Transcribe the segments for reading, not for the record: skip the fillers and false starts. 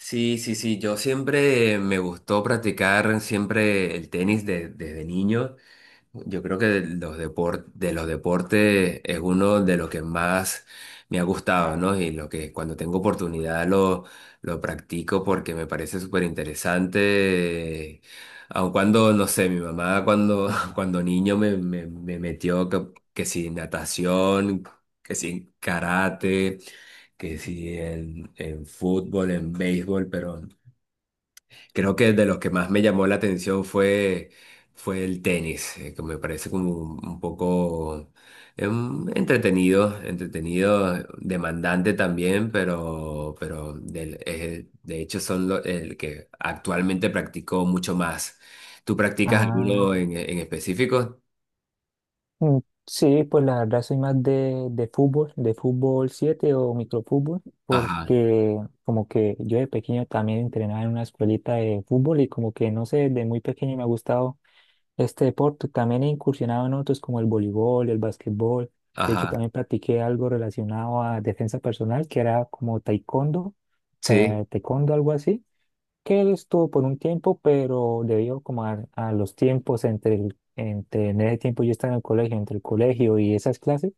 Sí, sí, sí, yo siempre me gustó practicar siempre el tenis desde niño. Yo creo que de los deportes es uno de los que más me ha gustado, ¿no? Y lo que cuando tengo oportunidad lo practico porque me parece súper interesante. Aun cuando, no sé, mi mamá cuando, cuando niño me metió que si natación, que si karate, que si en, en fútbol, en béisbol, pero creo que de los que más me llamó fue el tenis, que me parece como un poco entretenido, demandante también, pero de hecho el que actualmente practico mucho más. ¿Tú practicas Ah, alguno en específico? mm, sí, pues la verdad soy más de fútbol, de fútbol 7 o microfútbol, Ajá, porque como que yo de pequeño también entrenaba en una escuelita de fútbol y como que no sé, desde muy pequeño me ha gustado este deporte. También he incursionado en otros como el voleibol, el básquetbol. De hecho, ajá, también practiqué algo relacionado a defensa personal, que era como taekwondo, sí, taekwondo, algo así. Que él estuvo por un tiempo, pero debido como a los tiempos entre en ese tiempo yo estaba en el colegio, entre el colegio y esas clases,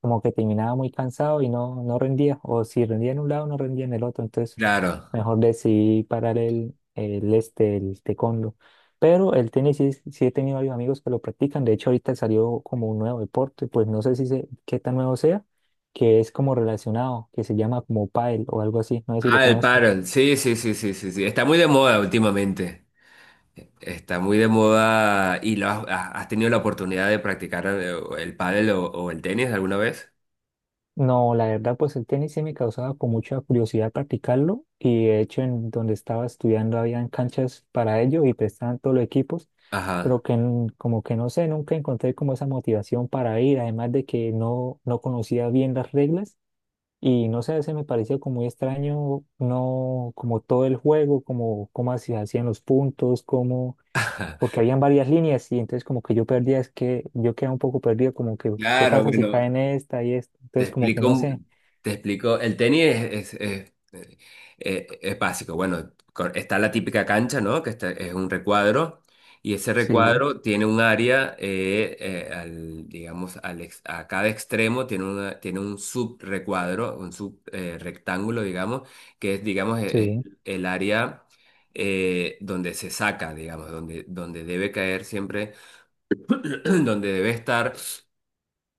como que terminaba muy cansado y no, no rendía, o si rendía en un lado, no rendía en el otro, entonces claro. mejor decidí parar el taekwondo. Pero el tenis sí, sí he tenido varios amigos que lo practican, de hecho ahorita salió como un nuevo deporte, pues no sé si sé qué tan nuevo sea, que es como relacionado, que se llama como pádel o algo así, no sé si lo Ah, el conozcas. pádel, sí, sí, sí, sí, sí, sí, está muy de moda últimamente. Está muy de moda y has tenido la oportunidad de practicar el pádel o el tenis alguna vez. No, la verdad, pues el tenis sí me causaba con mucha curiosidad practicarlo y de hecho en donde estaba estudiando habían canchas para ello y prestaban todos los equipos, pero Ajá. que n- como que no sé, nunca encontré como esa motivación para ir, además de que no, no conocía bien las reglas y no sé, se me pareció como muy extraño, no como todo el juego, como cómo se hacían los puntos, como porque habían varias líneas y entonces como que yo perdía, es que yo quedaba un poco perdido, como que qué Claro, pasa si cae bueno, en esta y esta, Te entonces como que explico, no sé. un- te explico. El tenis es básico. Bueno, está la típica cancha, ¿no? Es un recuadro. Y ese Sí, recuadro tiene un área, digamos, a cada extremo tiene un subrecuadro, un subrectángulo, digamos, que es, digamos, es sí, el área donde se saca, digamos, donde debe caer siempre, donde debe estar,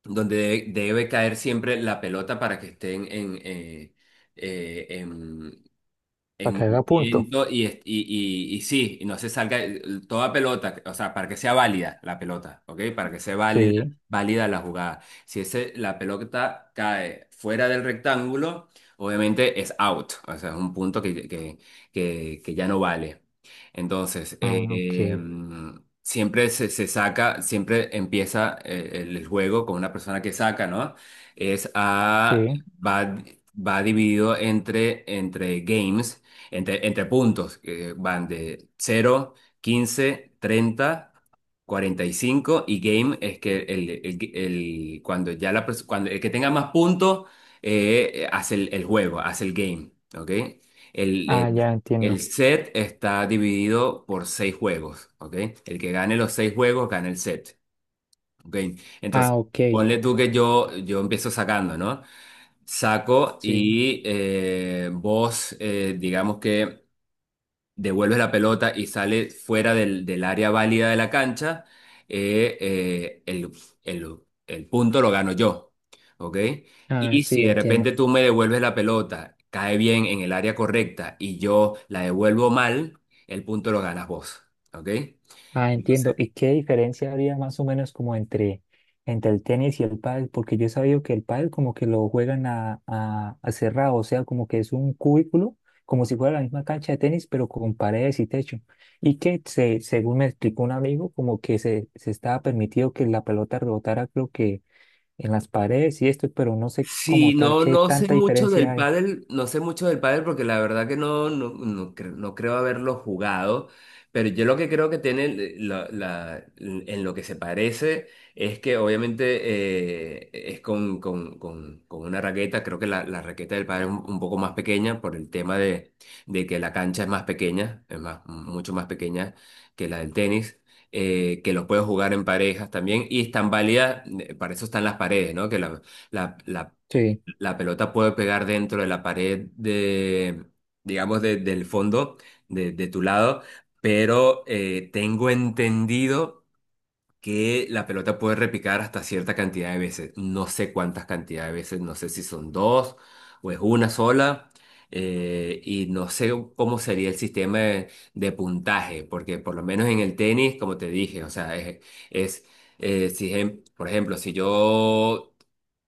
debe caer siempre la pelota para que estén en para en, que haga punto. movimiento y sí, y no se salga toda pelota, o sea, para que sea válida la pelota, ¿ok? Para que sea válida, Sí. válida la jugada. Si la pelota cae fuera del rectángulo, obviamente es out, o sea, es un punto que ya no vale. Entonces, Ah, ok. Siempre se saca, siempre empieza el juego con una persona que saca, ¿no? Es a... Sí. Va, va dividido entre games, entre puntos que van de 0, 15, 30, 45 y cinco, y game es que el- cuando ya cuando el que tenga más puntos, hace el juego, hace el game, ¿ok? El, Ah, el- ya el entiendo. set está dividido por seis juegos, ¿ok? El que gane los seis juegos gana el set, ¿ok? Ah, Entonces, ok. ponle tú que yo empiezo sacando, ¿no? Saco Sí. y, vos, digamos que devuelves la pelota y sale fuera del área válida de la cancha, eh, eh, el, el- el punto lo gano yo, ¿ok? Ah, Y si sí, de entiendo. repente tú me devuelves la pelota, cae bien en el área correcta y yo la devuelvo mal, el punto lo ganas vos, ¿ok? Ah, Entonces, entiendo. ¿Y qué diferencia habría más o menos como entre, entre el tenis y el pádel? Porque yo he sabido que el pádel como que lo juegan a cerrado, o sea, como que es un cubículo, como si fuera la misma cancha de tenis, pero con paredes y techo. Y que se, según me explicó un amigo, como que se estaba permitido que la pelota rebotara, creo que en las paredes y esto, pero no sé como sí, tal no, qué no sé tanta mucho del diferencia hay. pádel, no sé mucho del pádel porque la verdad que no creo haberlo jugado, pero yo lo que creo que tiene en lo que se parece es que obviamente, es con una raqueta, creo que la raqueta del pádel es un poco más pequeña por el tema de que la cancha es más pequeña, mucho más pequeña que la del tenis, que los puedes jugar en parejas también y están válidas, para eso están las paredes, ¿no? Que la Sí, la pelota puede pegar dentro de la pared de, digamos, del fondo, de tu lado, pero tengo entendido que la pelota puede repicar hasta cierta cantidad de veces. No sé cuántas cantidades de veces, no sé si son dos o es una sola. Y no sé cómo sería el sistema de puntaje, porque por lo menos en el tenis, como te dije, o sea, es, si, ejem- por ejemplo, si yo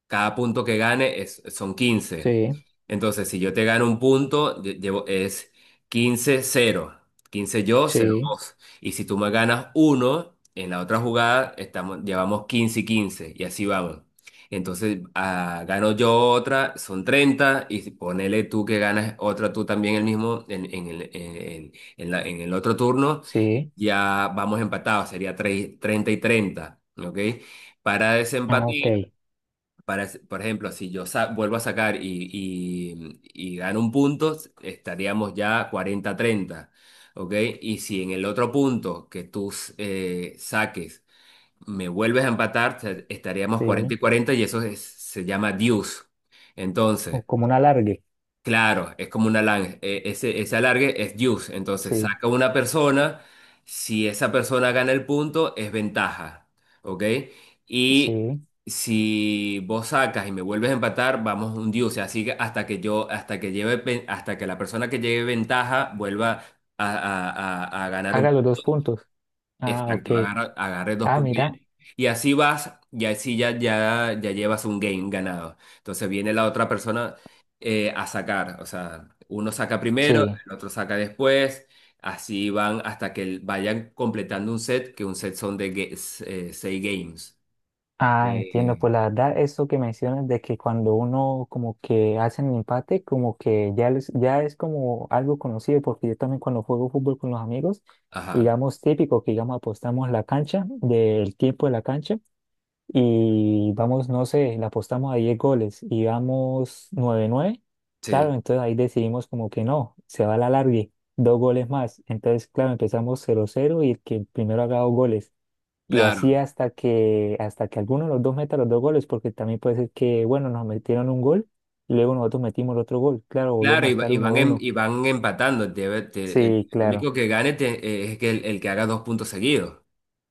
cada punto que gane es, son quince. sí, Entonces, si yo te gano un punto, llevo, es quince cero, quince yo, cero sí, vos. Y si tú me ganas uno, en la otra jugada estamos, llevamos 15 y quince. Y así vamos. Entonces, ah, gano yo otra, son treinta. Ponele tú que ganas otra tú también, el mismo, en el, en la- en el otro turno. sí. Ya vamos empatados, sería 3 30 y treinta. ¿Ok? Para desempatar. Ah, ok, Para, por ejemplo, si yo vuelvo a sacar y gano un punto, estaríamos ya 40 treinta, ¿ok? Y si en el otro punto que tú, saques, me vuelves a empatar, estaríamos 40 sí. y cuarenta, y eso se llama deuce. O Entonces, como un alargue. claro, es como una alargue. Ese alargue es deuce. Entonces Sí, saca una persona. Si esa persona gana el punto, es ventaja. ¿Ok? Y sí. si vos sacas y me vuelves a empatar, vamos un deuce. Así que hasta que yo, hasta que lleve, hasta que la persona que lleve ventaja vuelva a, a- a ganar un... Haga los dos puntos. Ah, ok. Exacto, agarré dos Ah, puntos, mira, y así vas, y así ya llevas un game ganado. Entonces viene la otra persona, a sacar, o sea, uno saca primero, sí. el otro saca después, así van hasta que vayan completando un set, que un set son de seis games. Ah, entiendo. Pues Eh, la verdad, eso que mencionas de que cuando uno como que hace el empate, como que ya, les- ya es como algo conocido, porque yo también cuando juego fútbol con los amigos, ajá, digamos típico que digamos apostamos la cancha, del tiempo de la cancha. Y vamos, no sé, le apostamos a 10 goles y vamos 9-9, sí, claro, entonces ahí decidimos como que no, se va a la larga, dos goles más. Entonces, claro, empezamos 0-0 y el que primero haga dos goles. Y claro, así hasta que alguno de los dos meta los dos goles, porque también puede ser que, bueno, nos metieron un gol y luego nosotros metimos el otro gol. Claro, claro, volvemos a estar y uno van, uno y van empatando. Sí, El claro, único que gane, es que el que haga dos puntos seguidos.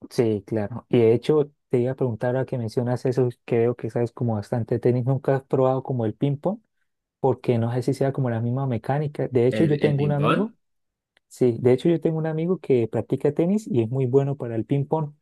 sí, claro. Y de hecho, te iba a preguntar ahora que mencionas eso, que veo que sabes como bastante tenis, ¿nunca has probado como el ping-pong? Porque no sé si sea como la misma mecánica. De hecho, yo El tengo un ping-pong? amigo, sí, de hecho yo tengo un amigo que practica tenis y es muy bueno para el ping pong.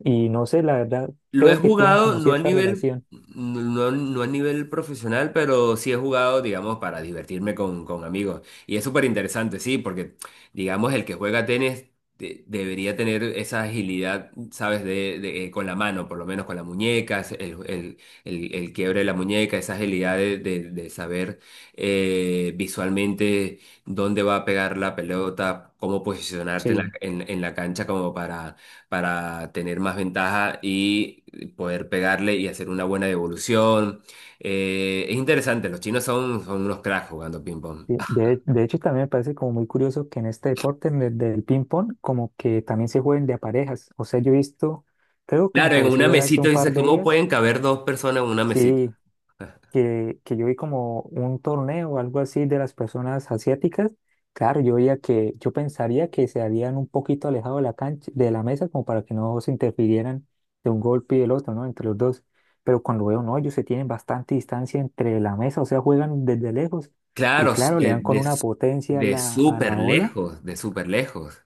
Y no sé, la verdad, Lo he creo que tienen jugado, como no a cierta nivel, relación. no, no a nivel profesional, pero sí he jugado, digamos, para divertirme con amigos. Y es súper interesante, sí, porque, digamos, el que juega tenis debería tener esa agilidad, ¿sabes? Con la mano, por lo menos con la muñeca, el quiebre de la muñeca, esa agilidad de saber, visualmente, dónde va a pegar la pelota, cómo posicionarte en Sí. En la cancha como para tener más ventaja y poder pegarle y hacer una buena devolución. Es interesante, los chinos son unos cracks jugando ping-pong. De, Ah, de- de hecho, también me parece como muy curioso que en este deporte en el del ping pong, como que también se jueguen de a parejas. O sea, yo he visto, creo que me claro, en pareció una ver hace mesita un dices, par de ¿cómo días, pueden caber dos personas en una mesita? sí, que yo vi como un torneo o algo así de las personas asiáticas, claro, yo veía que, yo pensaría que se habían un poquito alejado de la cancha, de la mesa, como para que no se interfirieran de un golpe y el otro, ¿no? Entre los dos. Pero cuando veo, no, ellos se tienen bastante distancia entre la mesa, o sea, juegan desde lejos. Y Claro, claro, le dan con una potencia de a súper la ola. lejos, de súper lejos.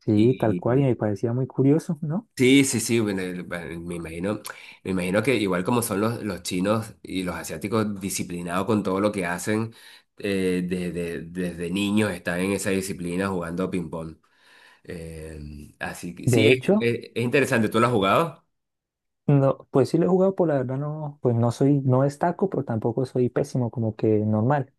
Sí, tal cual, y y me parecía muy curioso, ¿no? sí, bueno, me imagino que igual como son los chinos y los asiáticos, disciplinados con todo lo que hacen, desde niños están en esa disciplina jugando ping-pong. Así que sí, De hecho, es interesante, ¿tú lo has jugado? no, pues sí lo he jugado, por la verdad no, pues no soy, no destaco, pero tampoco soy pésimo, como que normal.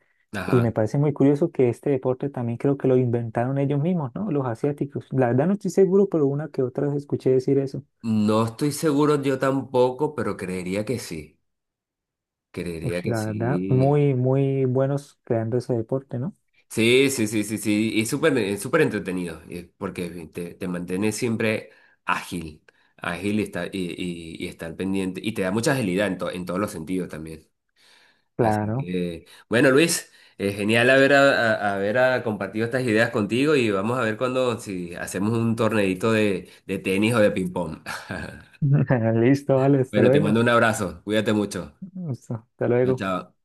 Y me Ajá. parece muy curioso que este deporte también creo que lo inventaron ellos mismos, ¿no? Los asiáticos. La verdad no estoy seguro, pero una que otra vez escuché decir eso. No estoy seguro yo tampoco, pero creería que sí, creería Ush, que la verdad, sí. muy, muy buenos creando ese deporte, ¿no? Sí, sí, sí, sí, sí, y súper, súper entretenido, porque te mantienes siempre ágil, ágil, y estar pendiente, y te da mucha agilidad en todos los sentidos también. Así Claro. que, bueno, Luis, genial haber, haber, ah, compartido estas ideas contigo y vamos a ver cuando, si hacemos un torneito de tenis o de ping-pong. Listo, vale, hasta Bueno, te luego. mando un abrazo, cuídate mucho. Listo, hasta Chao, luego. chao.